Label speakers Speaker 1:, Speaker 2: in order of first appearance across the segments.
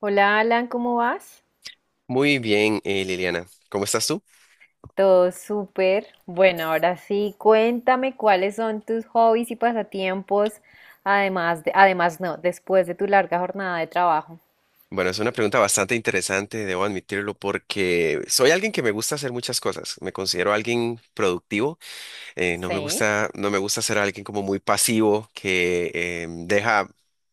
Speaker 1: Hola Alan, ¿cómo vas?
Speaker 2: Muy bien, Liliana. ¿Cómo estás tú?
Speaker 1: Todo súper. Bueno, ahora sí, cuéntame cuáles son tus hobbies y pasatiempos, además de, además no, después de tu larga jornada de trabajo.
Speaker 2: Bueno, es una pregunta bastante interesante, debo admitirlo, porque soy alguien que me gusta hacer muchas cosas. Me considero alguien productivo. eh, no me
Speaker 1: Sí.
Speaker 2: gusta, no me gusta ser alguien como muy pasivo que deja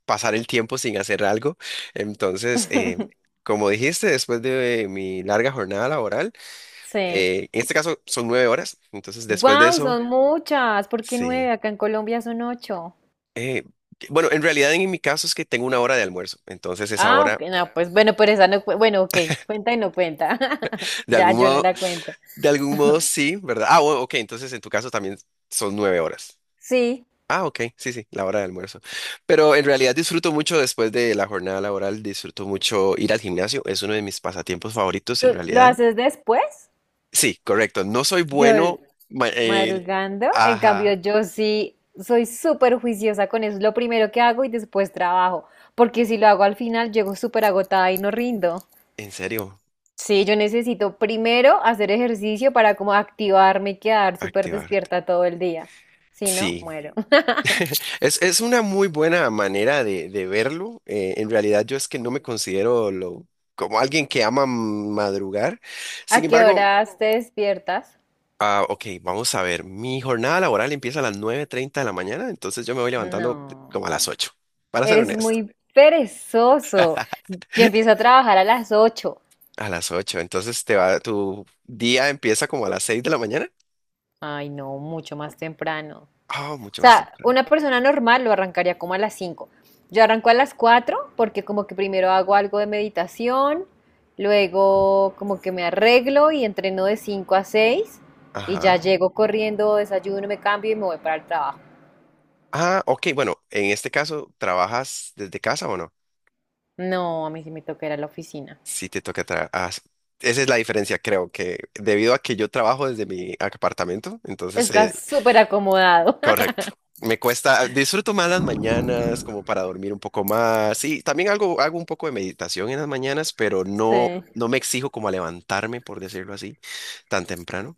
Speaker 2: pasar el tiempo sin hacer algo. Entonces, como dijiste, después de mi larga jornada laboral,
Speaker 1: Sí.
Speaker 2: en este caso son 9 horas. Entonces, después de
Speaker 1: Wow,
Speaker 2: eso,
Speaker 1: son muchas. ¿Por qué
Speaker 2: sí.
Speaker 1: nueve? Acá en Colombia son ocho.
Speaker 2: eh, bueno, en realidad en mi caso es que tengo una hora de almuerzo, entonces esa
Speaker 1: Ah,
Speaker 2: hora
Speaker 1: ok, no, pues bueno, pero esa no, bueno, ok, cuenta y no cuenta.
Speaker 2: de
Speaker 1: Ya,
Speaker 2: algún
Speaker 1: yo no
Speaker 2: modo,
Speaker 1: la cuento.
Speaker 2: de algún modo sí, ¿verdad? Ah, bueno, ok, entonces en tu caso también son 9 horas.
Speaker 1: Sí.
Speaker 2: Ah, ok, sí, sí, la hora de almuerzo. Pero en realidad disfruto mucho después de la jornada laboral, disfruto mucho ir al gimnasio, es uno de mis pasatiempos favoritos en
Speaker 1: ¿Tú lo
Speaker 2: realidad.
Speaker 1: haces después?
Speaker 2: Sí, correcto, no soy
Speaker 1: Yo,
Speaker 2: bueno, ma- eh,
Speaker 1: Madrugando, en cambio
Speaker 2: ajá,
Speaker 1: yo sí soy súper juiciosa con eso, es lo primero que hago y después trabajo, porque si lo hago al final llego súper agotada y no rindo.
Speaker 2: en serio,
Speaker 1: Sí, yo necesito primero hacer ejercicio para como activarme y quedar súper
Speaker 2: activarte.
Speaker 1: despierta todo el día, si no,
Speaker 2: Sí,
Speaker 1: muero.
Speaker 2: es una muy buena manera de verlo. En realidad yo es que no me considero como alguien que ama madrugar. Sin
Speaker 1: ¿A qué
Speaker 2: embargo.
Speaker 1: horas te despiertas?
Speaker 2: Ah, ok, vamos a ver. Mi jornada laboral empieza a las 9:30 de la mañana, entonces yo me voy levantando como a las
Speaker 1: No,
Speaker 2: 8. Para ser
Speaker 1: eres
Speaker 2: honesto.
Speaker 1: muy perezoso. Yo empiezo a trabajar a las 8.
Speaker 2: A las 8. Entonces tu día empieza como a las 6 de la mañana.
Speaker 1: Ay, no, mucho más temprano.
Speaker 2: Ah, mucho más
Speaker 1: Sea,
Speaker 2: temprano.
Speaker 1: una persona normal lo arrancaría como a las 5. Yo arranco a las 4 porque como que primero hago algo de meditación, luego como que me arreglo y entreno de 5 a 6 y ya
Speaker 2: Ajá.
Speaker 1: llego corriendo, desayuno, me cambio y me voy para el trabajo.
Speaker 2: Ah, ok, bueno, en este caso, ¿trabajas desde casa o no?
Speaker 1: No, a mí sí me toca ir a la oficina.
Speaker 2: Sí, te toca trabajar. Esa es la diferencia, creo que debido a que yo trabajo desde mi apartamento, entonces,
Speaker 1: Estás súper acomodado.
Speaker 2: correcto. Me cuesta, disfruto más las mañanas como para dormir un poco más. Y también hago un poco de meditación en las mañanas, pero no,
Speaker 1: Sí.
Speaker 2: no me exijo como a levantarme, por decirlo así, tan temprano.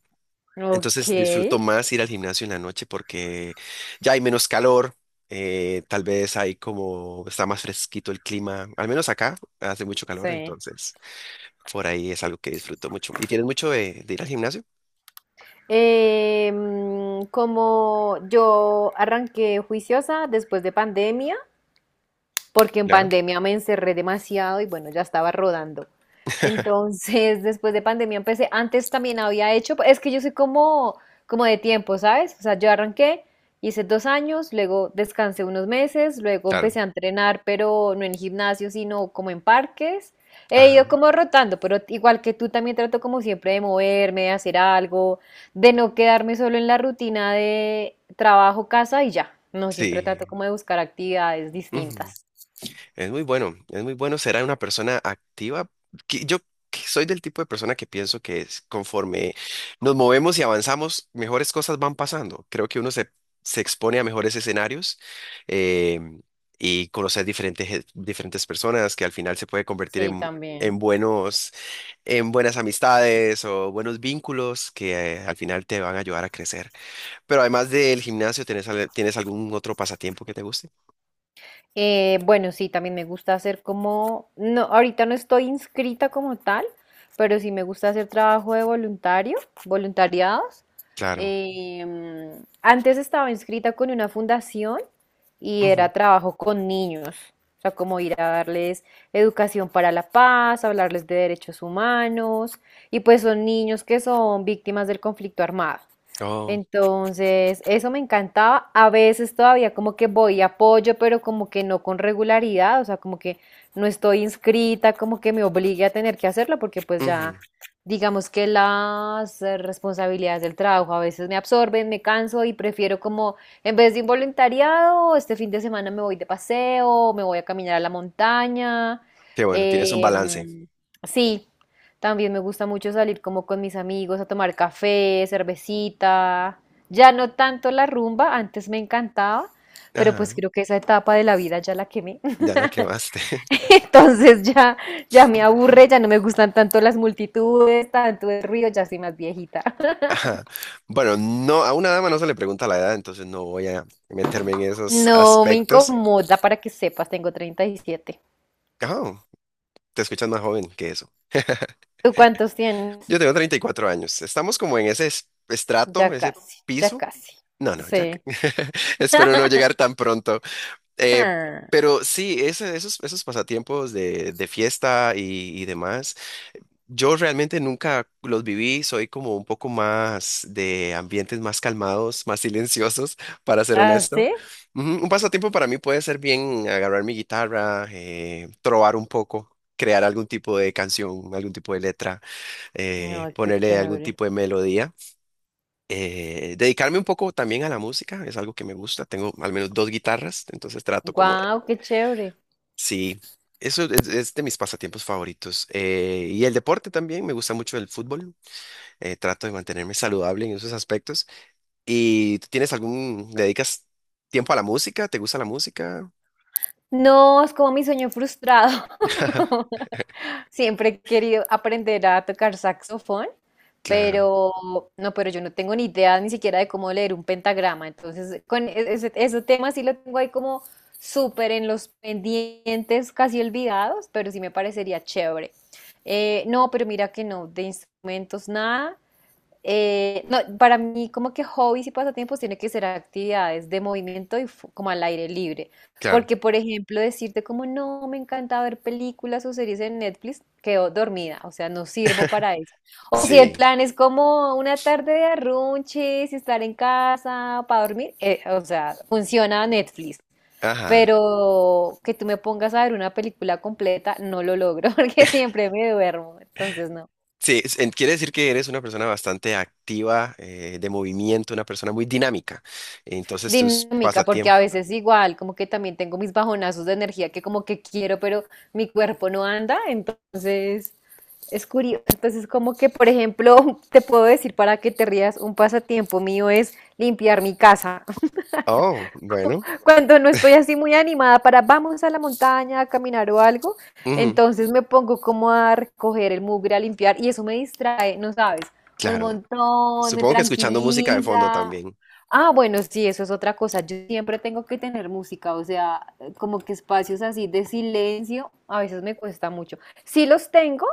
Speaker 1: Ok,
Speaker 2: Entonces disfruto más ir al gimnasio en la noche porque ya hay menos calor, tal vez hay como, está más fresquito el clima, al menos acá hace mucho calor,
Speaker 1: sí.
Speaker 2: entonces por ahí es algo que disfruto mucho. ¿Y tienes mucho de ir al gimnasio?
Speaker 1: Como yo arranqué juiciosa después de pandemia, porque en
Speaker 2: Claro,
Speaker 1: pandemia me encerré demasiado y bueno, ya estaba rodando. Entonces, después de pandemia empecé, antes también había hecho, es que yo soy como de tiempo, ¿sabes? O sea, yo arranqué, hice 2 años, luego descansé unos meses, luego
Speaker 2: claro.
Speaker 1: empecé a entrenar, pero no en gimnasio, sino como en parques. He
Speaker 2: Ajá,
Speaker 1: ido como rotando, pero igual que tú también trato como siempre de moverme, de hacer algo, de no quedarme solo en la rutina de trabajo, casa y ya. No, siempre trato
Speaker 2: sí.
Speaker 1: como de buscar actividades distintas.
Speaker 2: Es muy bueno ser una persona activa. Que Yo que soy del tipo de persona que pienso que es conforme nos movemos y avanzamos, mejores cosas van pasando. Creo que uno se expone a mejores escenarios eh, y conocer diferentes personas que al final se puede convertir
Speaker 1: Sí,
Speaker 2: en
Speaker 1: también.
Speaker 2: buenas amistades o buenos vínculos que al final te van a ayudar a crecer. Pero además del gimnasio, ¿tienes algún otro pasatiempo que te guste?
Speaker 1: Bueno, sí, también me gusta hacer como, no, ahorita no estoy inscrita como tal, pero sí me gusta hacer trabajo de voluntario, voluntariados.
Speaker 2: Claro.
Speaker 1: Antes estaba inscrita con una fundación y
Speaker 2: Ujú.
Speaker 1: era trabajo con niños, o sea, como ir a darles educación para la paz, hablarles de derechos humanos, y pues son niños que son víctimas del conflicto armado.
Speaker 2: Oh.
Speaker 1: Entonces, eso me encantaba. A veces todavía como que voy y apoyo, pero como que no con regularidad, o sea, como que no estoy inscrita, como que me obligue a tener que hacerlo, porque pues ya,
Speaker 2: Ujú.
Speaker 1: digamos que las responsabilidades del trabajo a veces me absorben, me canso y prefiero como, en vez de un voluntariado, este fin de semana me voy de paseo, me voy a caminar a la montaña.
Speaker 2: Qué bueno, tienes un balance.
Speaker 1: em, sí. También me gusta mucho salir como con mis amigos a tomar café, cervecita. Ya no tanto la rumba, antes me encantaba, pero
Speaker 2: Ajá,
Speaker 1: pues creo que esa etapa de la vida ya la quemé.
Speaker 2: ya la quemaste.
Speaker 1: Entonces ya me aburre, ya no me gustan tanto las multitudes, tanto el ruido, ya soy más viejita.
Speaker 2: Ajá. Bueno, no, a una dama no se le pregunta la edad, entonces no voy a meterme en esos
Speaker 1: No me
Speaker 2: aspectos.
Speaker 1: incomoda para que sepas, tengo 37.
Speaker 2: Ajá, te escuchas más joven que eso.
Speaker 1: ¿Tú cuántos tienes?
Speaker 2: Yo tengo 34 años. Estamos como en ese estrato,
Speaker 1: Ya
Speaker 2: ese
Speaker 1: casi, ya
Speaker 2: piso.
Speaker 1: casi.
Speaker 2: No, no, ya.
Speaker 1: Sí.
Speaker 2: Espero no llegar tan pronto. Eh,
Speaker 1: Ah,
Speaker 2: pero sí, esos pasatiempos de fiesta y demás. Yo realmente nunca los viví, soy como un poco más de ambientes más calmados, más silenciosos, para ser
Speaker 1: ¿ah,
Speaker 2: honesto.
Speaker 1: sí?
Speaker 2: Ujú. Un pasatiempo para mí puede ser bien agarrar mi guitarra, trobar un poco, crear algún tipo de canción, algún tipo de letra,
Speaker 1: No, qué
Speaker 2: ponerle algún
Speaker 1: chévere.
Speaker 2: tipo de melodía. Dedicarme un poco también a la música, es algo que me gusta, tengo al menos dos guitarras, entonces trato como de.
Speaker 1: Wow, qué chévere.
Speaker 2: Sí, eso es de mis pasatiempos favoritos. Y el deporte también, me gusta mucho el fútbol. Trato de mantenerme saludable en esos aspectos. ¿Y tú tienes le dedicas tiempo a la música? ¿Te gusta la música?
Speaker 1: No, es como mi sueño frustrado. Siempre he querido aprender a tocar saxofón,
Speaker 2: Claro,
Speaker 1: pero no, pero yo no tengo ni idea ni siquiera de cómo leer un pentagrama. Entonces, con ese tema sí lo tengo ahí como súper en los pendientes, casi olvidados, pero sí me parecería chévere. No, pero mira que no, de instrumentos nada. No, para mí como que hobbies y pasatiempos tiene que ser actividades de movimiento y como al aire libre.
Speaker 2: claro.
Speaker 1: Porque, por ejemplo, decirte como no, me encanta ver películas o series en Netflix, quedo dormida, o sea, no sirvo para eso. O si el
Speaker 2: Sí,
Speaker 1: plan es como una tarde de arrunches y estar en casa para dormir, o sea, funciona Netflix.
Speaker 2: ajá.
Speaker 1: Pero que tú me pongas a ver una película completa, no lo logro porque siempre me duermo, entonces no.
Speaker 2: Sí, quiere decir que eres una persona bastante activa, de movimiento, una persona muy dinámica. Entonces tus
Speaker 1: Dinámica, porque
Speaker 2: pasatiempos.
Speaker 1: a veces igual, como que también tengo mis bajonazos de energía que como que quiero, pero mi cuerpo no anda, entonces es curioso. Entonces, como que, por ejemplo, te puedo decir para que te rías, un pasatiempo mío es limpiar mi casa
Speaker 2: Oh, bueno.
Speaker 1: cuando no estoy así muy animada para vamos a la montaña a caminar o algo,
Speaker 2: Ujú,
Speaker 1: entonces me pongo como a recoger el mugre, a limpiar y eso me distrae, no sabes, un
Speaker 2: claro.
Speaker 1: montón, me
Speaker 2: Supongo que escuchando música de fondo
Speaker 1: tranquiliza.
Speaker 2: también.
Speaker 1: Ah, bueno, sí, eso es otra cosa. Yo siempre tengo que tener música, o sea, como que espacios así de silencio, a veces me cuesta mucho. Sí los tengo,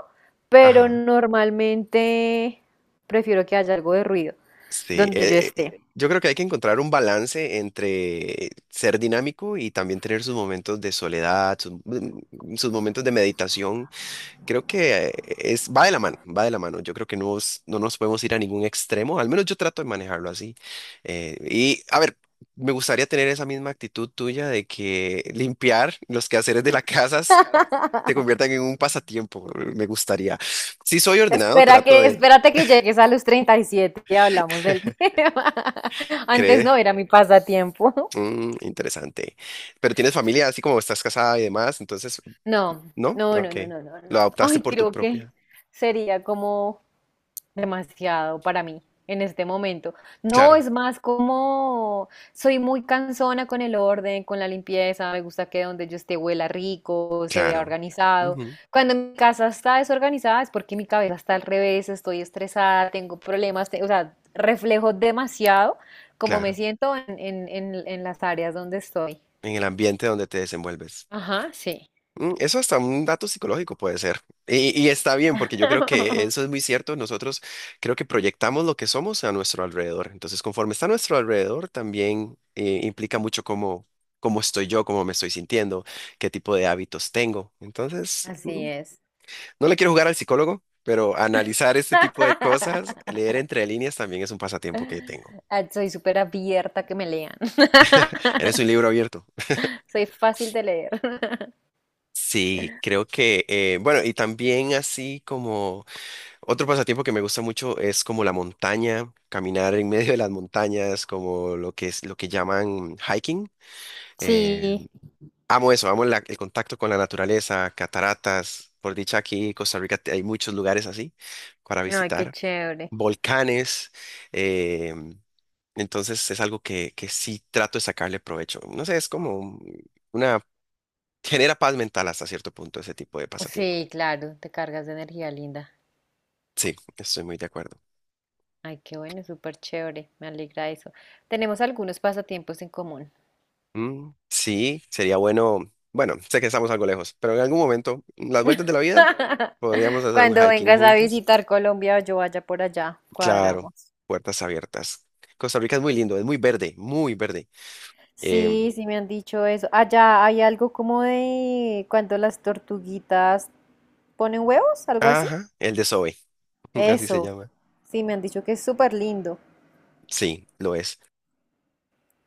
Speaker 1: pero
Speaker 2: Ajá.
Speaker 1: normalmente prefiero que haya algo de ruido
Speaker 2: Sí,
Speaker 1: donde yo esté.
Speaker 2: yo creo que hay que encontrar un balance entre ser dinámico y también tener sus momentos de soledad, sus momentos de meditación. Creo que va de la mano, va de la mano. Yo creo que no, no nos podemos ir a ningún extremo, al menos yo trato de manejarlo así. Y a ver, me gustaría tener esa misma actitud tuya de que limpiar los quehaceres de las casas se conviertan en un pasatiempo. Me gustaría. Si soy ordenado, trato de
Speaker 1: Espérate que llegues a los 37 y hablamos del tema. Antes no
Speaker 2: creer.
Speaker 1: era mi pasatiempo.
Speaker 2: Interesante. Pero tienes familia, así como estás casada y demás, entonces,
Speaker 1: No,
Speaker 2: ¿no?
Speaker 1: no, no,
Speaker 2: Ok.
Speaker 1: no, no, no, no. No.
Speaker 2: Lo adoptaste
Speaker 1: Ay,
Speaker 2: por tu
Speaker 1: creo que
Speaker 2: propia.
Speaker 1: sería como demasiado para mí en este momento. No,
Speaker 2: Claro,
Speaker 1: es más como soy muy cansona con el orden, con la limpieza, me gusta que donde yo esté huela rico, se vea
Speaker 2: claro.
Speaker 1: organizado.
Speaker 2: Ujú,
Speaker 1: Cuando mi casa está desorganizada es porque mi cabeza está al revés, estoy estresada, tengo problemas, o sea, reflejo demasiado como me
Speaker 2: claro.
Speaker 1: siento en, las áreas donde estoy.
Speaker 2: En el ambiente donde te desenvuelves.
Speaker 1: Ajá, sí.
Speaker 2: Eso hasta un dato psicológico puede ser. Y está bien, porque yo creo que eso es muy cierto. Nosotros creo que proyectamos lo que somos a nuestro alrededor. Entonces, conforme está a nuestro alrededor, también implica mucho cómo, cómo estoy yo, cómo me estoy sintiendo, qué tipo de hábitos tengo. Entonces,
Speaker 1: Así
Speaker 2: mm,
Speaker 1: es.
Speaker 2: No le quiero jugar al psicólogo, pero analizar este tipo de cosas, leer entre líneas también es un pasatiempo que tengo.
Speaker 1: Ah, soy súper abierta a que me lean.
Speaker 2: Eres un libro abierto.
Speaker 1: Soy fácil de leer.
Speaker 2: Sí, creo que, bueno, y también así como otro pasatiempo que me gusta mucho es como la montaña, caminar en medio de las montañas, como lo que es lo que llaman hiking. Eh,
Speaker 1: Sí,
Speaker 2: amo eso, amo el contacto con la naturaleza, cataratas. Por dicha aquí en Costa Rica hay muchos lugares así para
Speaker 1: ay, qué
Speaker 2: visitar,
Speaker 1: chévere.
Speaker 2: volcanes. eh, Entonces es algo que sí trato de sacarle provecho. No sé, es como una genera paz mental hasta cierto punto ese tipo de pasatiempo.
Speaker 1: Sí, claro, te cargas de energía linda.
Speaker 2: Sí, estoy muy de acuerdo.
Speaker 1: Ay, qué bueno, súper chévere. Me alegra eso. Tenemos algunos pasatiempos en común.
Speaker 2: Mm, sí, sería bueno. Bueno, sé que estamos algo lejos, pero en algún momento, en las vueltas de la vida, podríamos hacer un
Speaker 1: Cuando
Speaker 2: hiking
Speaker 1: vengas a
Speaker 2: juntos.
Speaker 1: visitar Colombia yo vaya por allá,
Speaker 2: Claro,
Speaker 1: cuadramos.
Speaker 2: puertas abiertas. Costa Rica es muy lindo, es muy verde, muy verde. Em,
Speaker 1: Sí, sí me han dicho eso. Allá hay algo como de cuando las tortuguitas ponen huevos, algo así.
Speaker 2: ajá, el de Zoe, así se
Speaker 1: Eso,
Speaker 2: llama.
Speaker 1: sí, me han dicho que es súper lindo.
Speaker 2: Sí, lo es.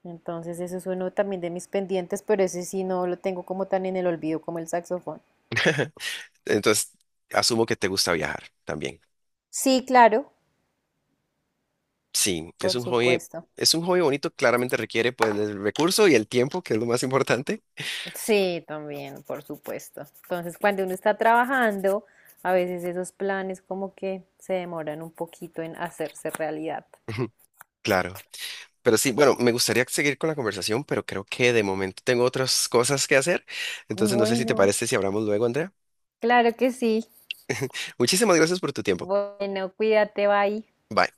Speaker 1: Entonces, eso es uno también de mis pendientes, pero ese sí no lo tengo como tan en el olvido como el saxofón.
Speaker 2: Entonces, asumo que te gusta viajar también.
Speaker 1: Sí, claro,
Speaker 2: Sí,
Speaker 1: por supuesto.
Speaker 2: es un hobby bonito, claramente requiere pues el recurso y el tiempo, que es lo más importante.
Speaker 1: Sí, también, por supuesto. Entonces, cuando uno está trabajando, a veces esos planes como que se demoran un poquito en hacerse realidad.
Speaker 2: Claro. Pero sí, bueno, me gustaría seguir con la conversación, pero creo que de momento tengo otras cosas que hacer. Entonces no sé si te
Speaker 1: Bueno,
Speaker 2: parece si hablamos luego, Andrea.
Speaker 1: claro que sí.
Speaker 2: Muchísimas gracias por tu tiempo.
Speaker 1: Bueno, cuídate, bye.
Speaker 2: Bye.